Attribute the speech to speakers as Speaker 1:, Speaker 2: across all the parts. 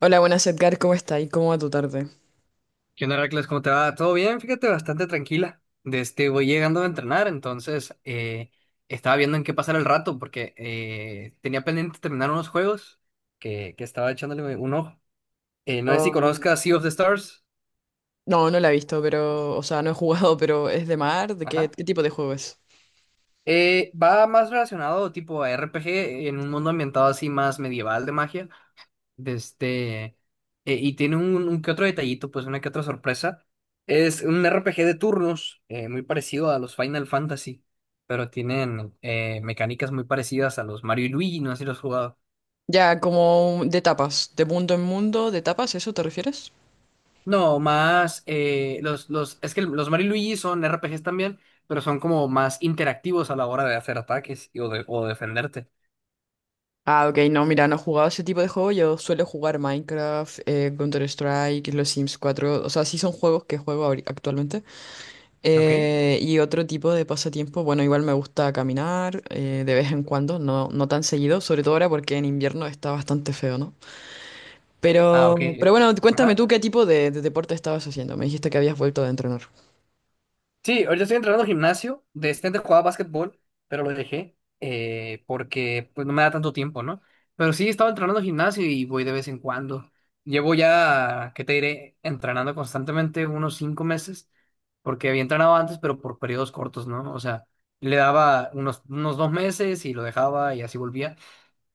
Speaker 1: Hola, buenas Edgar, ¿cómo está? ¿Y cómo va tu tarde?
Speaker 2: ¿Qué onda, Heracles? ¿Cómo te va? ¿Todo bien? Fíjate, bastante tranquila. De este, voy llegando a entrenar, entonces estaba viendo en qué pasar el rato porque tenía pendiente terminar unos juegos que estaba echándole un ojo. No sé si
Speaker 1: Um,
Speaker 2: conozcas Sea of the Stars.
Speaker 1: no, no la he visto, pero, o sea, no he jugado, pero ¿es de mar? ¿De qué,
Speaker 2: Ajá.
Speaker 1: qué tipo de juego es?
Speaker 2: Va más relacionado tipo a RPG en un mundo ambientado así más medieval de magia. De este, y tiene un que otro detallito, pues una que otra sorpresa. Es un RPG de turnos, muy parecido a los Final Fantasy, pero tienen mecánicas muy parecidas a los Mario y Luigi, no sé si los has jugado.
Speaker 1: Ya, como de tapas, de mundo en mundo, de tapas, ¿eso te refieres?
Speaker 2: No, más, es que los Mario y Luigi son RPGs también, pero son como más interactivos a la hora de hacer ataques o, o defenderte.
Speaker 1: Ah, ok, no, mira, no he jugado ese tipo de juego, yo suelo jugar Minecraft, Counter-Strike, los Sims 4. O sea, sí son juegos que juego actualmente.
Speaker 2: ¿Ok?
Speaker 1: Y otro tipo de pasatiempo, bueno, igual me gusta caminar, de vez en cuando, no, no tan seguido, sobre todo ahora porque en invierno está bastante feo, ¿no?
Speaker 2: Ah, ok.
Speaker 1: Pero bueno, cuéntame
Speaker 2: Ajá.
Speaker 1: tú qué tipo de deporte estabas haciendo. Me dijiste que habías vuelto a entrenar.
Speaker 2: Sí, ahorita estoy entrenando gimnasio. De este antes jugaba básquetbol, pero lo dejé porque pues no me da tanto tiempo, ¿no? Pero sí, estaba entrenando gimnasio y voy de vez en cuando. Llevo ya, ¿qué te diré? Entrenando constantemente unos 5 meses, porque había entrenado antes, pero por periodos cortos, ¿no? O sea, le daba unos 2 meses y lo dejaba y así volvía.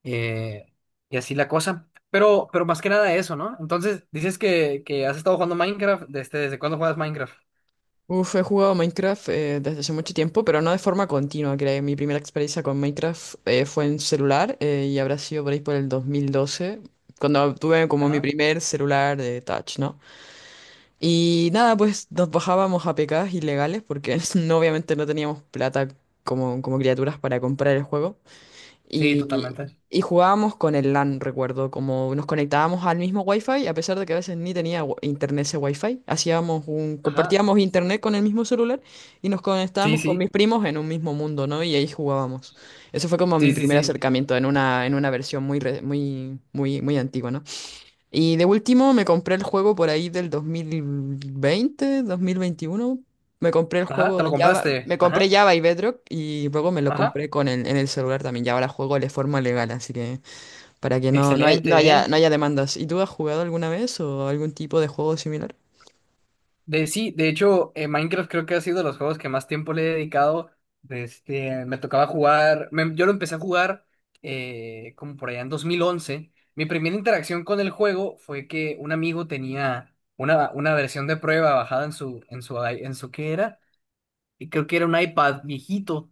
Speaker 2: eh, y así la cosa. Pero más que nada eso, ¿no? Entonces, dices que has estado jugando Minecraft. ¿Desde cuándo juegas Minecraft?
Speaker 1: He jugado Minecraft desde hace mucho tiempo, pero no de forma continua. Creo mi primera experiencia con Minecraft fue en celular, y habrá sido por ahí por el 2012, cuando tuve como mi
Speaker 2: Ajá.
Speaker 1: primer celular de touch, ¿no? Y nada, pues nos bajábamos a APKs ilegales porque obviamente no teníamos plata, como criaturas para comprar el juego.
Speaker 2: Sí,
Speaker 1: Y,
Speaker 2: totalmente.
Speaker 1: y jugábamos con el LAN, recuerdo, como nos conectábamos al mismo Wi-Fi, a pesar de que a veces ni tenía internet ese Wi-Fi,
Speaker 2: Ajá,
Speaker 1: compartíamos internet con el mismo celular y nos
Speaker 2: sí,
Speaker 1: conectábamos con
Speaker 2: sí,
Speaker 1: mis primos en un mismo mundo, ¿no? Y ahí jugábamos. Eso fue como mi
Speaker 2: sí, sí,
Speaker 1: primer
Speaker 2: sí.
Speaker 1: acercamiento en una versión muy, muy, muy, muy antigua, ¿no? Y de último me compré el juego por ahí del 2020, 2021. Me compré el
Speaker 2: Ajá, te
Speaker 1: juego
Speaker 2: lo
Speaker 1: Java,
Speaker 2: compraste.
Speaker 1: me compré
Speaker 2: Ajá,
Speaker 1: Java y Bedrock y luego me lo
Speaker 2: ajá.
Speaker 1: compré en el celular también. Y ahora juego de forma legal, así que para que no
Speaker 2: Excelente,
Speaker 1: haya,
Speaker 2: ¿eh?
Speaker 1: no haya demandas. ¿Y tú has jugado alguna vez o algún tipo de juego similar?
Speaker 2: Sí, de hecho, Minecraft creo que ha sido de los juegos que más tiempo le he dedicado. Este, me tocaba jugar, yo lo empecé a jugar como por allá en 2011. Mi primera interacción con el juego fue que un amigo tenía una versión de prueba bajada en su, ¿qué era? Y creo que era un iPad viejito.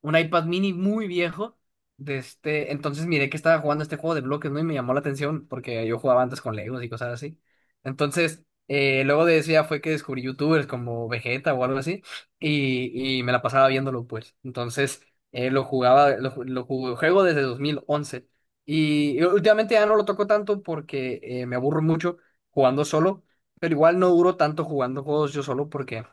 Speaker 2: Un iPad mini muy viejo. De este, entonces miré que estaba jugando este juego de bloques, ¿no? Y me llamó la atención porque yo jugaba antes con Legos y cosas así. Entonces, luego de eso ya fue que descubrí YouTubers como Vegeta o algo así y me la pasaba viéndolo, pues. Entonces, lo jugaba, lo, ju- lo jugué- juego desde 2011 y últimamente ya no lo toco tanto porque me aburro mucho jugando solo, pero igual no duro tanto jugando juegos yo solo porque.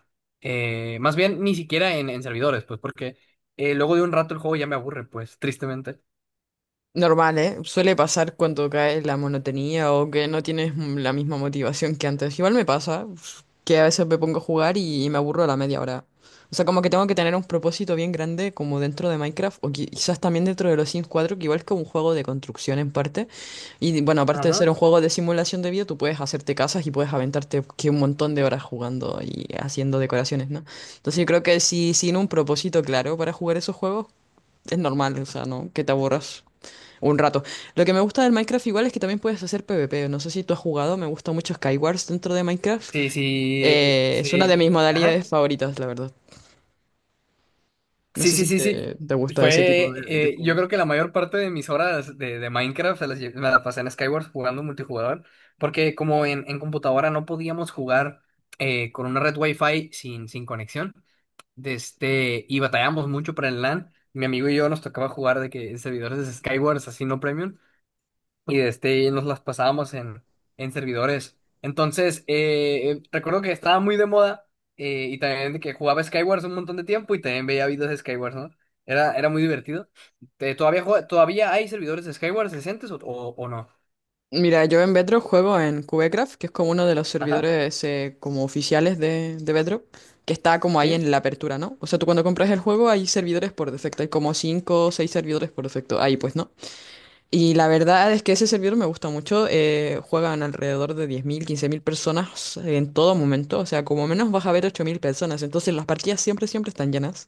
Speaker 2: Más bien, ni siquiera en servidores, pues, porque luego de un rato el juego ya me aburre, pues, tristemente.
Speaker 1: Normal, ¿eh? Suele pasar cuando cae la monotonía o que no tienes, la misma motivación que antes. Igual me pasa, que a veces me pongo a jugar y me aburro a la media hora. O sea, como que tengo que tener un propósito bien grande, como dentro de Minecraft o quizás también dentro de los Sims 4, que igual es como un juego de construcción en parte. Y bueno, aparte de
Speaker 2: Ajá.
Speaker 1: ser un juego de simulación de vida, tú puedes hacerte casas y puedes aventarte que un montón de horas jugando y haciendo decoraciones, ¿no? Entonces yo creo que si sin un propósito claro para jugar esos juegos, es normal, o sea, ¿no? Que te aburras. Un rato. Lo que me gusta del Minecraft igual es que también puedes hacer PvP. No sé si tú has jugado, me gusta mucho Skywars dentro de Minecraft.
Speaker 2: Sí, sí,
Speaker 1: Es una de mis
Speaker 2: sí, ajá.
Speaker 1: modalidades favoritas, la verdad. No
Speaker 2: Sí,
Speaker 1: sé
Speaker 2: sí,
Speaker 1: si
Speaker 2: sí, sí.
Speaker 1: te gusta ese tipo
Speaker 2: Fue,
Speaker 1: de
Speaker 2: eh, yo
Speaker 1: juego.
Speaker 2: creo que la mayor parte de mis horas de Minecraft me la pasé en Skyward jugando multijugador, porque como en computadora no podíamos jugar con una red Wi-Fi sin conexión, de este, y batallamos mucho para el LAN. Mi amigo y yo nos tocaba jugar de que en servidores de Skyward, así no premium. Y este, y nos las pasábamos en servidores. Entonces, recuerdo que estaba muy de moda y también de que jugaba Skywars un montón de tiempo y también veía videos de Skywars, ¿no? Era muy divertido. ¿Todavía hay servidores de Skywars decentes o no?
Speaker 1: Mira, yo en Bedrock juego en Cubecraft, que es como uno de los
Speaker 2: Ajá,
Speaker 1: servidores, como oficiales de Bedrock, que está como ahí
Speaker 2: sí.
Speaker 1: en la apertura, ¿no? O sea, tú cuando compras el juego hay servidores por defecto, hay como 5 o 6 servidores por defecto, ahí pues, ¿no? Y la verdad es que ese servidor me gusta mucho, juegan alrededor de 10.000 15.000 personas en todo momento. O sea, como menos vas a ver 8.000 personas. Entonces las partidas siempre, siempre están llenas.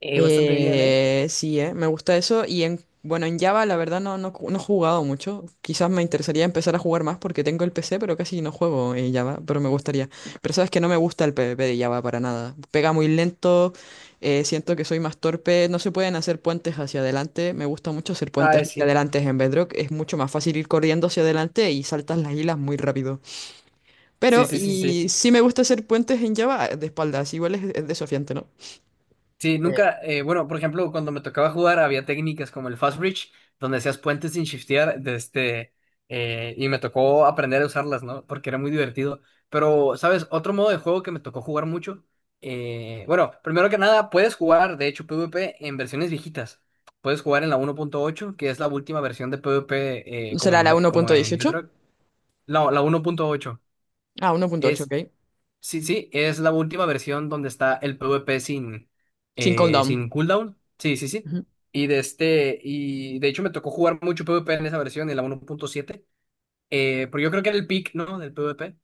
Speaker 2: Bastante bien, ¿eh?
Speaker 1: Sí, me gusta eso. Y, bueno, en Java la verdad no, no, no he jugado mucho. Quizás me interesaría empezar a jugar más porque tengo el PC, pero casi no juego en Java, pero me gustaría. Pero sabes que no me gusta el PvP de Java para nada. Pega muy lento, siento que soy más torpe, no se pueden hacer puentes hacia adelante. Me gusta mucho hacer
Speaker 2: Ah,
Speaker 1: puentes hacia
Speaker 2: sí.
Speaker 1: adelante en Bedrock. Es mucho más fácil ir corriendo hacia adelante y saltas las hilas muy rápido.
Speaker 2: Sí,
Speaker 1: Pero,
Speaker 2: sí, sí, sí.
Speaker 1: y sí me gusta hacer puentes en Java de espaldas, igual es desafiante, ¿no?
Speaker 2: Sí,
Speaker 1: Eh,
Speaker 2: nunca, bueno, por ejemplo, cuando me tocaba jugar había técnicas como el fast bridge, donde hacías puentes sin shiftear, de este, y me tocó aprender a usarlas, ¿no? Porque era muy divertido. Pero, ¿sabes? Otro modo de juego que me tocó jugar mucho, bueno, primero que nada, puedes jugar, de hecho, PvP en versiones viejitas. Puedes jugar en la 1.8, que es la última versión de PvP
Speaker 1: ¿Será la uno punto
Speaker 2: Como en
Speaker 1: dieciocho?
Speaker 2: Bedrock. No, la 1.8.
Speaker 1: Ah, 1.8,
Speaker 2: Es
Speaker 1: ok.
Speaker 2: Sí, sí, es la última versión donde está el PvP sin,
Speaker 1: Sin
Speaker 2: eh,
Speaker 1: cooldown.
Speaker 2: sin cooldown. Sí, sí, sí.
Speaker 1: Ujú.
Speaker 2: Y de este, y de hecho me tocó jugar mucho PvP en esa versión, en la 1.7. Pero yo creo que era el peak, ¿no? Del PvP.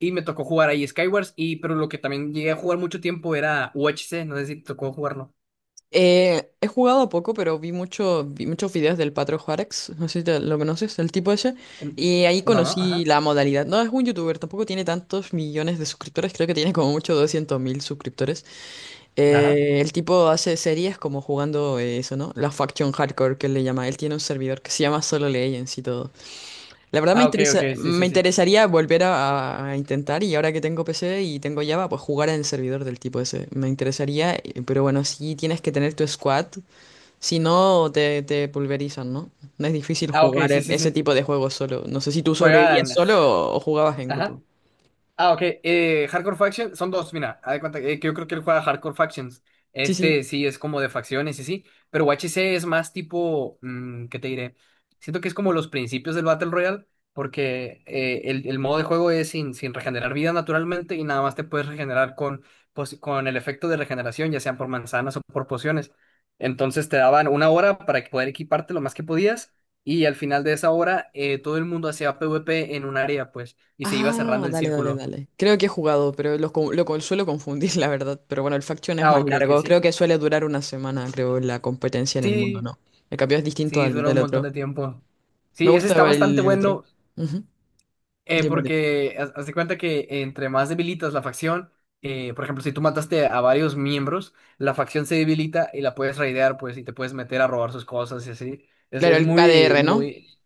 Speaker 2: Y me tocó jugar ahí Skywars. Pero lo que también llegué a jugar mucho tiempo era UHC. No sé si te tocó jugarlo.
Speaker 1: He jugado poco, pero vi muchos videos del Patro Juárez. No sé si lo conoces, el tipo ese.
Speaker 2: En-
Speaker 1: Y ahí
Speaker 2: No, no,
Speaker 1: conocí
Speaker 2: ajá.
Speaker 1: la modalidad. No, es un youtuber, tampoco tiene tantos millones de suscriptores. Creo que tiene como mucho 200 mil suscriptores.
Speaker 2: Ajá.
Speaker 1: El tipo hace series como jugando, eso, ¿no? La Faction Hardcore, que él le llama. Él tiene un servidor que se llama Solo Legends y todo. La verdad me
Speaker 2: Ah, ok, ok,
Speaker 1: interesa,
Speaker 2: sí,
Speaker 1: me
Speaker 2: sí, sí.
Speaker 1: interesaría volver a intentar y ahora que tengo PC y tengo Java, pues jugar en el servidor del tipo ese. Me interesaría, pero bueno, sí tienes que tener tu squad, si no te pulverizan, ¿no? No es difícil
Speaker 2: Ah, ok,
Speaker 1: jugar
Speaker 2: sí, sí,
Speaker 1: ese
Speaker 2: sí.
Speaker 1: tipo de juegos solo. No sé si tú sobrevivías
Speaker 2: Juegan.
Speaker 1: solo o jugabas en
Speaker 2: Ajá.
Speaker 1: grupo.
Speaker 2: Ah, ok. Hardcore Factions son dos, mira, haz de cuenta que yo creo que él juega Hardcore Factions.
Speaker 1: Sí, sí.
Speaker 2: Este sí es como de facciones y sí, pero UHC es más tipo, ¿qué te diré? Siento que es como los principios del Battle Royale, porque el modo de juego es sin regenerar vida naturalmente y nada más te puedes regenerar con el efecto de regeneración, ya sean por manzanas o por pociones. Entonces te daban una hora para que poder equiparte lo más que podías y al final de esa hora todo el mundo hacía PvP en un área, pues, y se iba cerrando
Speaker 1: Ah,
Speaker 2: el
Speaker 1: dale, dale,
Speaker 2: círculo.
Speaker 1: dale. Creo que he jugado, pero suelo confundir, la verdad. Pero bueno, el Faction es
Speaker 2: Ah,
Speaker 1: más
Speaker 2: ok, ok,
Speaker 1: largo. Creo
Speaker 2: sí.
Speaker 1: que suele durar una semana, creo, la competencia en el mundo,
Speaker 2: Sí,
Speaker 1: ¿no? El cambio es distinto
Speaker 2: sí,
Speaker 1: al
Speaker 2: dura un
Speaker 1: del
Speaker 2: montón
Speaker 1: otro.
Speaker 2: de tiempo.
Speaker 1: Me
Speaker 2: Sí, ese
Speaker 1: gusta
Speaker 2: está
Speaker 1: igual
Speaker 2: bastante
Speaker 1: el otro.
Speaker 2: bueno
Speaker 1: Ujú. Dime, dime.
Speaker 2: porque haz de cuenta que entre más debilitas la facción, por ejemplo, si tú mataste a varios miembros, la facción se debilita y la puedes raidear, pues, y te puedes meter a robar sus cosas y así. Es,
Speaker 1: Claro,
Speaker 2: es
Speaker 1: el
Speaker 2: muy,
Speaker 1: KDR, ¿no?
Speaker 2: muy.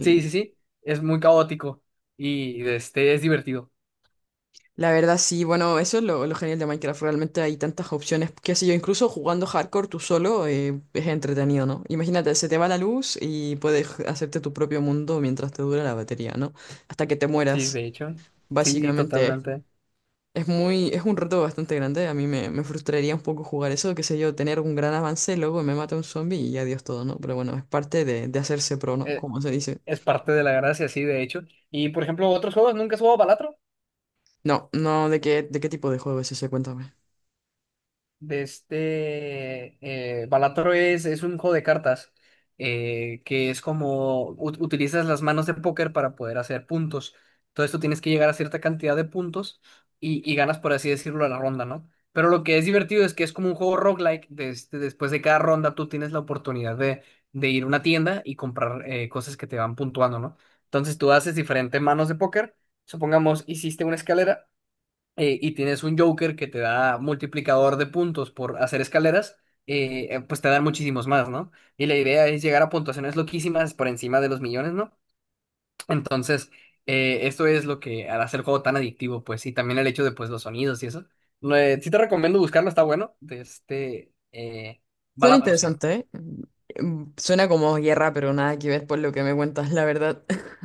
Speaker 2: Sí, sí, sí, es muy caótico y este, es divertido.
Speaker 1: La verdad, sí, bueno, eso es lo genial de Minecraft. Realmente hay tantas opciones. Qué sé yo, incluso jugando hardcore tú solo, es entretenido, ¿no? Imagínate, se te va la luz y puedes hacerte tu propio mundo mientras te dura la batería, ¿no? Hasta que te
Speaker 2: Sí,
Speaker 1: mueras.
Speaker 2: de hecho. Sí,
Speaker 1: Básicamente,
Speaker 2: totalmente.
Speaker 1: es un reto bastante grande. A mí me frustraría un poco jugar eso, qué sé yo, tener un gran avance, luego me mata un zombie y adiós todo, ¿no? Pero bueno, es parte de hacerse pro, ¿no?
Speaker 2: Eh,
Speaker 1: Como se dice.
Speaker 2: es parte de la gracia, sí, de hecho. Y, por ejemplo, otros juegos, ¿nunca has jugado Balatro?
Speaker 1: No, no, ¿de qué tipo de juego es ese? Cuéntame.
Speaker 2: De este Balatro es un juego de cartas que es como utilizas las manos de póker para poder hacer puntos. Entonces tú tienes que llegar a cierta cantidad de puntos y ganas, por así decirlo, a la ronda, ¿no? Pero lo que es divertido es que es como un juego roguelike. Después de cada ronda tú tienes la oportunidad de ir a una tienda y comprar cosas que te van puntuando, ¿no? Entonces tú haces diferentes manos de póker. Supongamos, hiciste una escalera y tienes un Joker que te da multiplicador de puntos por hacer escaleras, pues te dan muchísimos más, ¿no? Y la idea es llegar a puntuaciones loquísimas por encima de los millones, ¿no? Entonces, esto es lo que hace el juego tan adictivo, pues, y también el hecho de, pues, los sonidos y eso. No, sí te recomiendo buscarlo, está bueno, de este
Speaker 1: Suena, vale,
Speaker 2: Balatro se llama.
Speaker 1: interesante, ¿eh? Suena como guerra, pero nada que ver por lo que me cuentas, la verdad.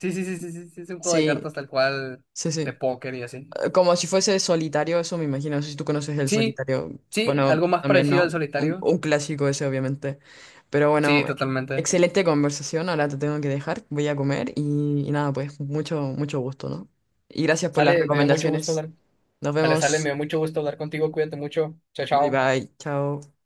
Speaker 2: Sí, sí, sí, sí, sí, sí, es un juego de
Speaker 1: Sí,
Speaker 2: cartas tal cual,
Speaker 1: sí,
Speaker 2: de
Speaker 1: sí.
Speaker 2: póker y así.
Speaker 1: Como si fuese solitario, eso me imagino. No sé si tú conoces el
Speaker 2: Sí,
Speaker 1: solitario.
Speaker 2: sí,
Speaker 1: Bueno,
Speaker 2: algo más
Speaker 1: también
Speaker 2: parecido al
Speaker 1: no. Un,
Speaker 2: solitario.
Speaker 1: un clásico ese, obviamente. Pero
Speaker 2: Sí,
Speaker 1: bueno,
Speaker 2: totalmente.
Speaker 1: excelente conversación. Ahora te tengo que dejar. Voy a comer y nada, pues mucho, mucho gusto, ¿no? Y gracias por las
Speaker 2: Sale, me dio mucho gusto
Speaker 1: recomendaciones.
Speaker 2: hablar.
Speaker 1: Nos
Speaker 2: Sale, sale, me
Speaker 1: vemos.
Speaker 2: dio mucho gusto hablar contigo, cuídate mucho, chao,
Speaker 1: Bye
Speaker 2: chao.
Speaker 1: bye. Chao.